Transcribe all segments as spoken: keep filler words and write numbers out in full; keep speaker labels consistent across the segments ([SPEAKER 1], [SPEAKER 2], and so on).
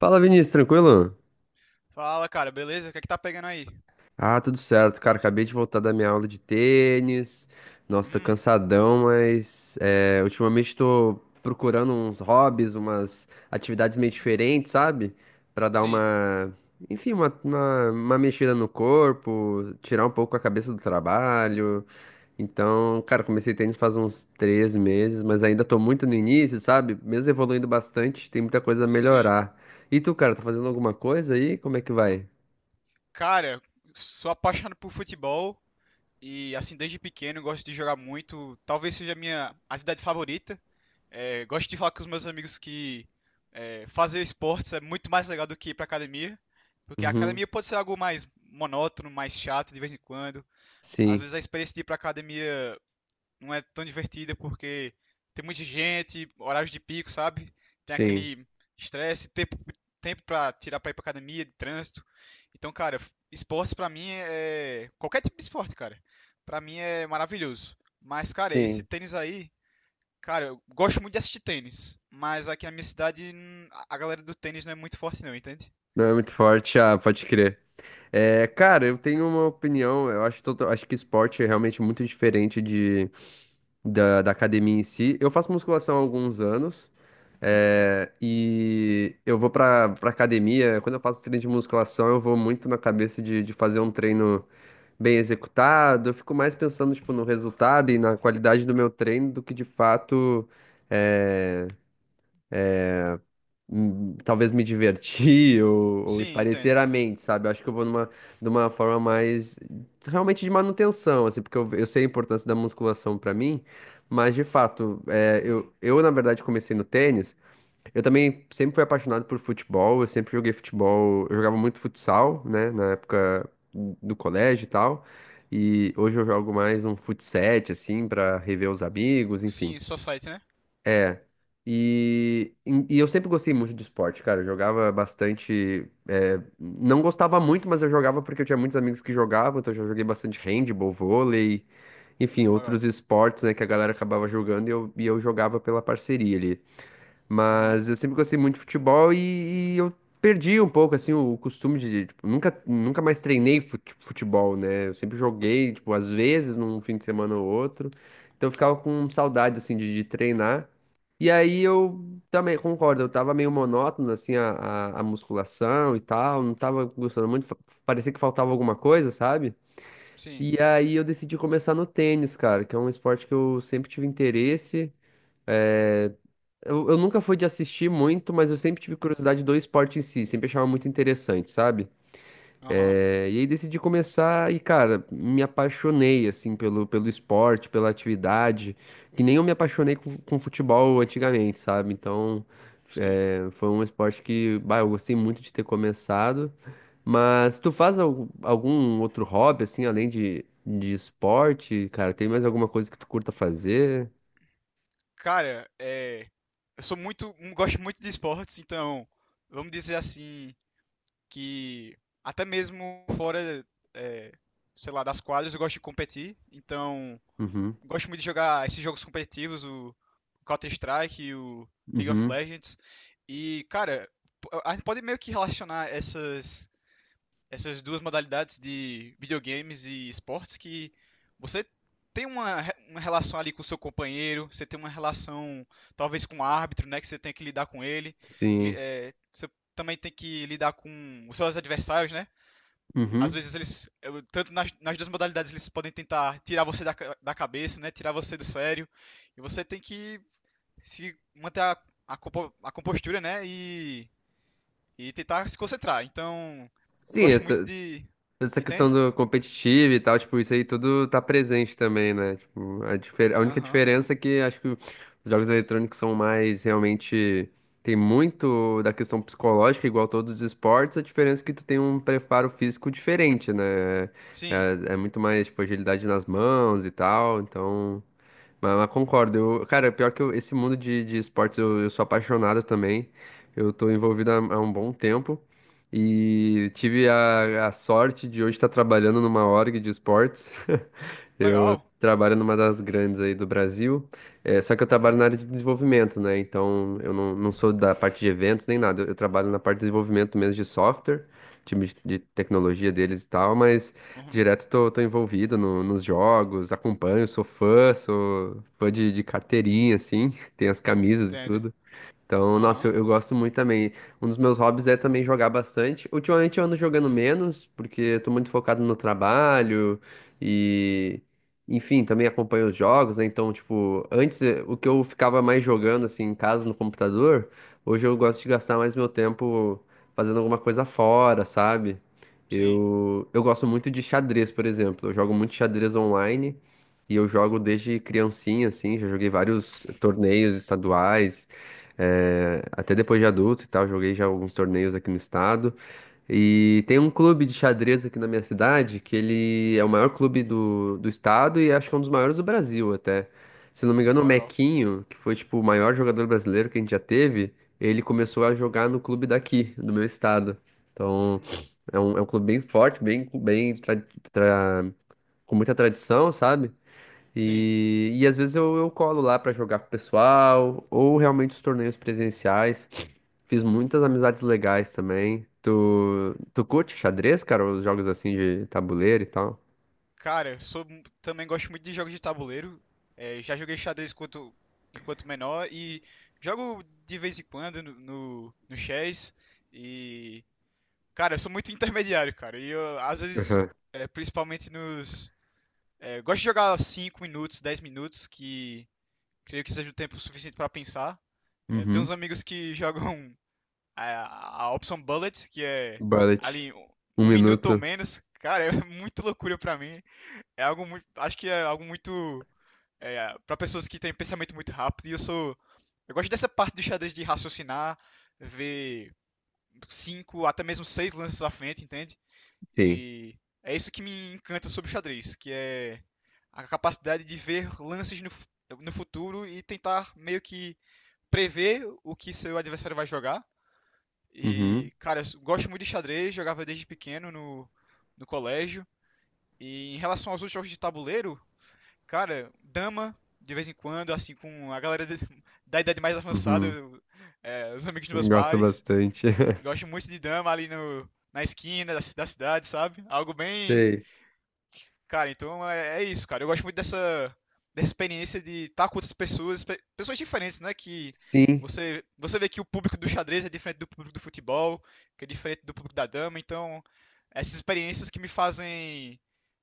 [SPEAKER 1] Fala, Vinícius, tranquilo?
[SPEAKER 2] Fala, cara, beleza? O que é que tá pegando aí?
[SPEAKER 1] Ah, tudo certo, cara. Acabei de voltar da minha aula de tênis. Nossa, tô
[SPEAKER 2] Hum,
[SPEAKER 1] cansadão, mas é, ultimamente tô procurando uns hobbies, umas atividades meio diferentes, sabe? Pra dar
[SPEAKER 2] sim,
[SPEAKER 1] uma, enfim, uma, uma, uma mexida no corpo, tirar um pouco a cabeça do trabalho. Então, cara, comecei tênis faz uns três meses, mas ainda tô muito no início, sabe? Mesmo evoluindo bastante, tem muita coisa a
[SPEAKER 2] sim.
[SPEAKER 1] melhorar. E tu, cara, tá fazendo alguma coisa aí? Como é que vai?
[SPEAKER 2] Cara, sou apaixonado por futebol e, assim, desde pequeno gosto de jogar muito. Talvez seja a minha atividade favorita. É, gosto de falar com os meus amigos que é, fazer esportes é muito mais legal do que ir pra academia, porque a
[SPEAKER 1] Uhum.
[SPEAKER 2] academia pode ser algo mais monótono, mais chato de vez em quando. Às
[SPEAKER 1] Sim,
[SPEAKER 2] vezes a experiência de ir pra academia não é tão divertida porque tem muita gente, horários de pico, sabe? Tem
[SPEAKER 1] sim,
[SPEAKER 2] aquele estresse, tempo, tempo pra tirar pra ir pra academia, de trânsito. Então, cara, esporte pra mim é. é qualquer tipo de esporte, cara. Pra mim é maravilhoso. Mas, cara, esse
[SPEAKER 1] sim.
[SPEAKER 2] tênis aí. Cara, eu gosto muito de assistir tênis. Mas aqui na minha cidade, hum, a galera do tênis não é muito forte, não, entende?
[SPEAKER 1] Não é muito forte, ah, pode crer. É, cara, eu tenho uma opinião, eu acho, tota- acho que esporte é realmente muito diferente de, da, da academia em si. Eu faço musculação há alguns anos, é, e eu vou pra, pra academia, quando eu faço treino de musculação, eu vou muito na cabeça de, de fazer um treino bem executado, eu fico mais pensando, tipo, no resultado e na qualidade do meu treino do que de fato... é, hum, talvez me divertir ou, ou
[SPEAKER 2] Sim,
[SPEAKER 1] espairecer
[SPEAKER 2] entende.
[SPEAKER 1] a mente, sabe? Eu acho que eu vou numa, numa forma mais realmente de manutenção, assim, porque eu, eu sei a importância da musculação pra mim, mas de fato, é, eu, eu na verdade comecei no tênis. Eu também sempre fui apaixonado por futebol, eu sempre joguei futebol, eu jogava muito futsal, né, na época do colégio e tal. E hoje eu jogo mais um fut sete, assim, pra rever os amigos, enfim.
[SPEAKER 2] Sim, society, né?
[SPEAKER 1] É. E, e eu sempre gostei muito de esporte, cara. Eu jogava bastante. é, Não gostava muito, mas eu jogava porque eu tinha muitos amigos que jogavam, então eu já joguei bastante handball, vôlei, enfim,
[SPEAKER 2] Hum, legal.
[SPEAKER 1] outros esportes, né, que a galera acabava jogando e eu, e eu jogava pela parceria ali.
[SPEAKER 2] Aham.
[SPEAKER 1] Mas eu sempre gostei muito de futebol e, e eu perdi um pouco, assim, o costume de, tipo, nunca, nunca mais treinei fut- futebol, né? Eu sempre joguei, tipo, às vezes, num fim de semana ou outro. Então eu ficava com saudade, assim, de, de treinar. E aí eu também concordo, eu tava meio monótono, assim, a, a, a musculação e tal, não tava gostando muito, fa- parecia que faltava alguma coisa, sabe?
[SPEAKER 2] Sim.
[SPEAKER 1] E aí eu decidi começar no tênis, cara, que é um esporte que eu sempre tive interesse. eh, eu, eu nunca fui de assistir muito, mas eu sempre tive curiosidade do esporte em si, sempre achava muito interessante, sabe?
[SPEAKER 2] Aham.
[SPEAKER 1] Eh, e aí decidi começar e, cara, me apaixonei, assim, pelo, pelo esporte, pela atividade, que nem eu me apaixonei com, com futebol antigamente, sabe? Então,
[SPEAKER 2] Sim.
[SPEAKER 1] eh, foi um esporte que, bah, eu gostei muito de ter começado. Mas tu faz al- algum outro hobby, assim, além de, de esporte, cara? Tem mais alguma coisa que tu curta fazer?
[SPEAKER 2] Cara, é, eu sou muito, um, gosto muito de esportes, então vamos dizer assim que até mesmo fora, é, sei lá, das quadras, eu gosto de competir. Então,
[SPEAKER 1] Uhum,
[SPEAKER 2] gosto muito de jogar esses jogos competitivos, o Counter-Strike, e o League of
[SPEAKER 1] uhum,
[SPEAKER 2] Legends. E, cara, a gente pode meio que relacionar essas essas duas modalidades de videogames e esportes, que você tem uma, re- uma relação ali com o seu companheiro, você tem uma relação talvez com o árbitro, né, que você tem que lidar com ele. Li-
[SPEAKER 1] sim.
[SPEAKER 2] é, você também tem que lidar com os seus adversários, né? Às
[SPEAKER 1] Uhum.
[SPEAKER 2] vezes eles, eu- tanto nas, nas duas modalidades, eles podem tentar tirar você da, ca- da cabeça, né? Tirar você do sério. E você tem que se manter a, a, compo- a compostura, né? E, e tentar se concentrar. Então, eu
[SPEAKER 1] Sim, é
[SPEAKER 2] gosto muito
[SPEAKER 1] to-
[SPEAKER 2] de.
[SPEAKER 1] Essa questão
[SPEAKER 2] Entende?
[SPEAKER 1] do competitivo e tal, tipo, isso aí tudo tá presente também, né? Tipo, a, difer- a única
[SPEAKER 2] Aham.
[SPEAKER 1] diferença é que acho que os jogos eletrônicos são mais realmente. Tem muito da questão psicológica, igual todos os esportes, a diferença é que tu tem um preparo físico diferente, né?
[SPEAKER 2] Sim.
[SPEAKER 1] É, é muito mais, tipo, agilidade nas mãos e tal, então. Mas, mas concordo. Eu, cara, é pior que eu- esse mundo de, de esportes eu, eu sou apaixonado também. Eu tô envolvido há, há um bom tempo e tive a, a sorte de hoje estar trabalhando numa org de esportes. Eu
[SPEAKER 2] Legal.
[SPEAKER 1] trabalho numa das grandes aí do Brasil, é, só que eu trabalho na área de desenvolvimento, né? Então eu não, não sou da parte de eventos nem nada. Eu, eu trabalho na parte de desenvolvimento mesmo de software, time de, de tecnologia deles e tal, mas.
[SPEAKER 2] Uhum.
[SPEAKER 1] Direto tô, tô envolvido no- nos jogos, acompanho, sou fã, sou fã de, de carteirinha, assim, tem as camisas e
[SPEAKER 2] Entende.
[SPEAKER 1] tudo. Então, nossa,
[SPEAKER 2] Aham.
[SPEAKER 1] eu, eu gosto muito também. Um dos meus hobbies é também jogar bastante. Ultimamente eu ando jogando menos, porque eu tô muito focado no trabalho e, enfim, também acompanho os jogos, né? Então, tipo, antes eh, o que eu ficava mais jogando, assim, em casa, no computador, hoje eu gosto de gastar mais meu tempo fazendo alguma coisa fora, sabe?
[SPEAKER 2] Sim.
[SPEAKER 1] Eu, eu gosto muito de xadrez, por exemplo. Eu jogo muito xadrez online e eu
[SPEAKER 2] S-
[SPEAKER 1] jogo desde criancinha, assim, já joguei vários torneios estaduais. É, até depois de adulto e tal, joguei já alguns torneios aqui no estado. E tem um clube de xadrez aqui na minha cidade, que ele é o maior clube do, do estado e acho que é um dos maiores do Brasil até. Se não me
[SPEAKER 2] Hum,
[SPEAKER 1] engano, o
[SPEAKER 2] legal.
[SPEAKER 1] Mequinho, que foi tipo o maior jogador brasileiro que a gente já teve, ele começou a jogar no clube daqui, do meu estado. Então,
[SPEAKER 2] Hum,
[SPEAKER 1] é um, é um clube bem forte, bem, bem tra- tra- com muita tradição, sabe?
[SPEAKER 2] Sim.
[SPEAKER 1] E, e às vezes eu, eu colo lá pra jogar com o pessoal, ou realmente os torneios presenciais. Fiz muitas amizades legais também. Tu, tu curte xadrez, cara? Os jogos assim de tabuleiro e tal?
[SPEAKER 2] Cara, eu sou, mu- também gosto muito de jogos de tabuleiro. É, já joguei xadrez enquanto, enquanto menor e jogo de vez em quando no, no, no chess. E, cara, eu sou muito intermediário, cara. E eu, às vezes,
[SPEAKER 1] Aham.
[SPEAKER 2] é, principalmente nos. É, gosto de jogar cinco minutos, dez minutos, que creio que seja o tempo suficiente pra pensar. É, tem
[SPEAKER 1] Uhum.
[SPEAKER 2] uns amigos que jogam a, a opção bullet, que é
[SPEAKER 1] Bullet.
[SPEAKER 2] ali um,
[SPEAKER 1] Um
[SPEAKER 2] um minuto ou
[SPEAKER 1] minuto.
[SPEAKER 2] menos, cara, é muito loucura pra mim. É algo muito, acho que é algo muito é, para pessoas que têm pensamento muito rápido. E eu sou, eu gosto dessa parte do xadrez de raciocinar, ver cinco, até mesmo seis lances à frente, entende?
[SPEAKER 1] Sim.
[SPEAKER 2] E é isso que me encanta sobre o xadrez, que é a capacidade de ver lances no, no futuro e tentar meio que prever o que seu adversário vai jogar
[SPEAKER 1] Uhum.
[SPEAKER 2] e, cara, eu gosto muito de xadrez, jogava desde pequeno no, no colégio. E em relação aos outros jogos de tabuleiro, cara, dama, de vez em quando, assim, com a galera de- da idade mais avançada,
[SPEAKER 1] Uhum.
[SPEAKER 2] eu- é, os amigos dos meus
[SPEAKER 1] Gosto
[SPEAKER 2] pais.
[SPEAKER 1] bastante.
[SPEAKER 2] Gosto muito de dama ali no, na esquina da, ci- da cidade, sabe? Algo bem
[SPEAKER 1] Sei.
[SPEAKER 2] cara, então é, é isso, cara. Eu gosto muito dessa, dessa experiência de estar com outras pessoas, pe- pessoas diferentes, né? Que
[SPEAKER 1] Sim.
[SPEAKER 2] você, você vê que o público do xadrez é diferente do público do futebol, que é diferente do público da dama. Então, essas experiências que me fazem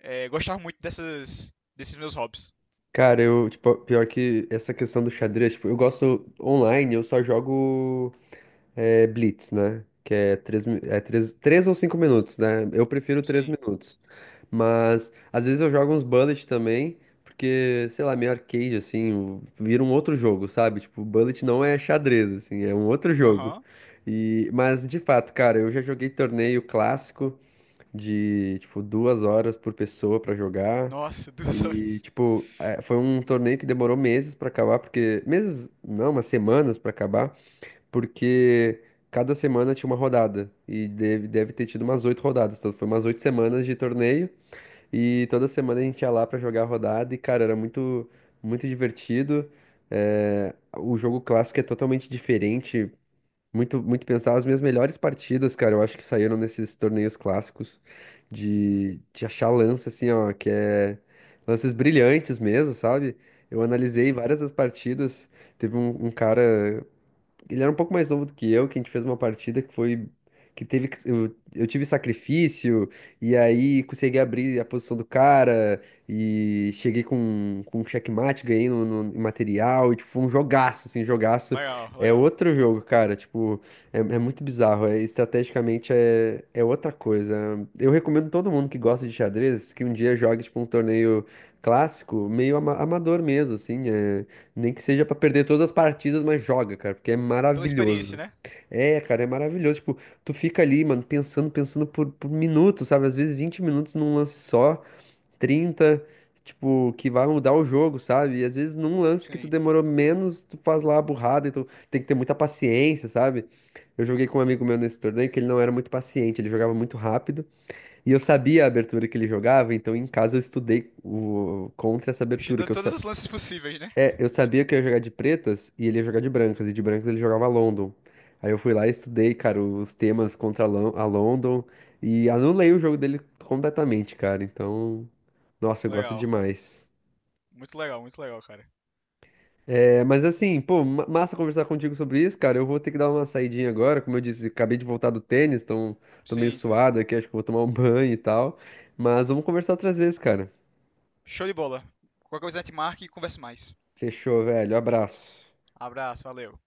[SPEAKER 2] é, gostar muito dessas, desses meus hobbies.
[SPEAKER 1] Cara, eu, tipo, pior que essa questão do xadrez, tipo, eu gosto online, eu só jogo. É Blitz, né? Que é três, mi- é três, três ou cinco minutos, né? Eu prefiro três
[SPEAKER 2] Sim.
[SPEAKER 1] minutos. Mas às vezes eu jogo uns bullet também, porque, sei lá, meio arcade, assim, vira um outro jogo, sabe? Tipo, bullet não é xadrez, assim, é um outro jogo.
[SPEAKER 2] Aham.
[SPEAKER 1] E, mas de fato, cara, eu já joguei torneio clássico de, tipo, duas horas por pessoa pra jogar.
[SPEAKER 2] Nossa, duas
[SPEAKER 1] E,
[SPEAKER 2] horas.
[SPEAKER 1] tipo, eh, foi um torneio que demorou meses pra acabar, porque. Meses, não, umas semanas pra acabar porque cada semana tinha uma rodada e deve, deve ter tido umas oito rodadas, então foi umas oito semanas de torneio e toda semana a gente ia lá pra jogar a rodada e cara, era muito muito divertido. É, o jogo clássico é totalmente diferente, muito muito pensar. As minhas melhores partidas, cara, eu acho que saíram nesses torneios clássicos
[SPEAKER 2] Uhum.
[SPEAKER 1] de, de achar lance assim, ó, que é lances brilhantes mesmo, sabe? Eu
[SPEAKER 2] Sim.
[SPEAKER 1] analisei várias das partidas. Teve um, um cara, ele era um pouco mais novo do que eu, que a gente fez uma partida que foi. Que teve que. Eu, eu tive sacrifício, e aí consegui abrir a posição do cara, e cheguei com, com um checkmate, ganhei no, no- em material, e tipo, foi um jogaço, assim, jogaço.
[SPEAKER 2] Legal,
[SPEAKER 1] É
[SPEAKER 2] legal.
[SPEAKER 1] outro jogo, cara, tipo, é, é muito bizarro, é, estrategicamente é, é outra coisa. Eu recomendo todo mundo que gosta de xadrez que um dia jogue, tipo, um torneio clássico, meio ama- amador mesmo, assim, é. Nem que seja pra perder todas as partidas, mas joga, cara, porque é
[SPEAKER 2] Pela experiência,
[SPEAKER 1] maravilhoso.
[SPEAKER 2] né?
[SPEAKER 1] É, cara, é maravilhoso. Tipo, tu fica ali, mano, pensando, pensando por, por minutos, sabe? Às vezes vinte minutos num lance só, trinta, tipo, que vai mudar o jogo, sabe? E às vezes num lance que tu
[SPEAKER 2] Sim.
[SPEAKER 1] demorou menos, tu faz lá a burrada, então tem que ter muita paciência, sabe? Eu joguei com um amigo meu nesse torneio que ele não era muito paciente, ele jogava muito rápido. E eu sabia a
[SPEAKER 2] Hum.
[SPEAKER 1] abertura que ele jogava, então em casa eu estudei o, contra essa
[SPEAKER 2] Te
[SPEAKER 1] abertura,
[SPEAKER 2] dou
[SPEAKER 1] que eu
[SPEAKER 2] todos os lances possíveis, né?
[SPEAKER 1] é, eu sabia que eu ia jogar de pretas e ele ia jogar de brancas, e de brancas ele jogava London. Aí eu fui lá e estudei, cara, os temas contra a Lon- a London e anulei o jogo dele completamente, cara. Então, nossa, eu gosto
[SPEAKER 2] Legal.
[SPEAKER 1] demais.
[SPEAKER 2] Muito legal, muito legal, cara.
[SPEAKER 1] É, mas assim, pô, ma- massa conversar contigo sobre isso, cara. Eu vou ter que dar uma saidinha agora, como eu disse, acabei de voltar do tênis, então tô meio
[SPEAKER 2] Sim, entendo.
[SPEAKER 1] suado aqui, acho que vou tomar um banho e tal. Mas vamos conversar outras vezes, cara.
[SPEAKER 2] Show de bola. Qualquer coisa a gente marca e conversa mais.
[SPEAKER 1] Fechou, velho. Abraço.
[SPEAKER 2] Abraço, valeu.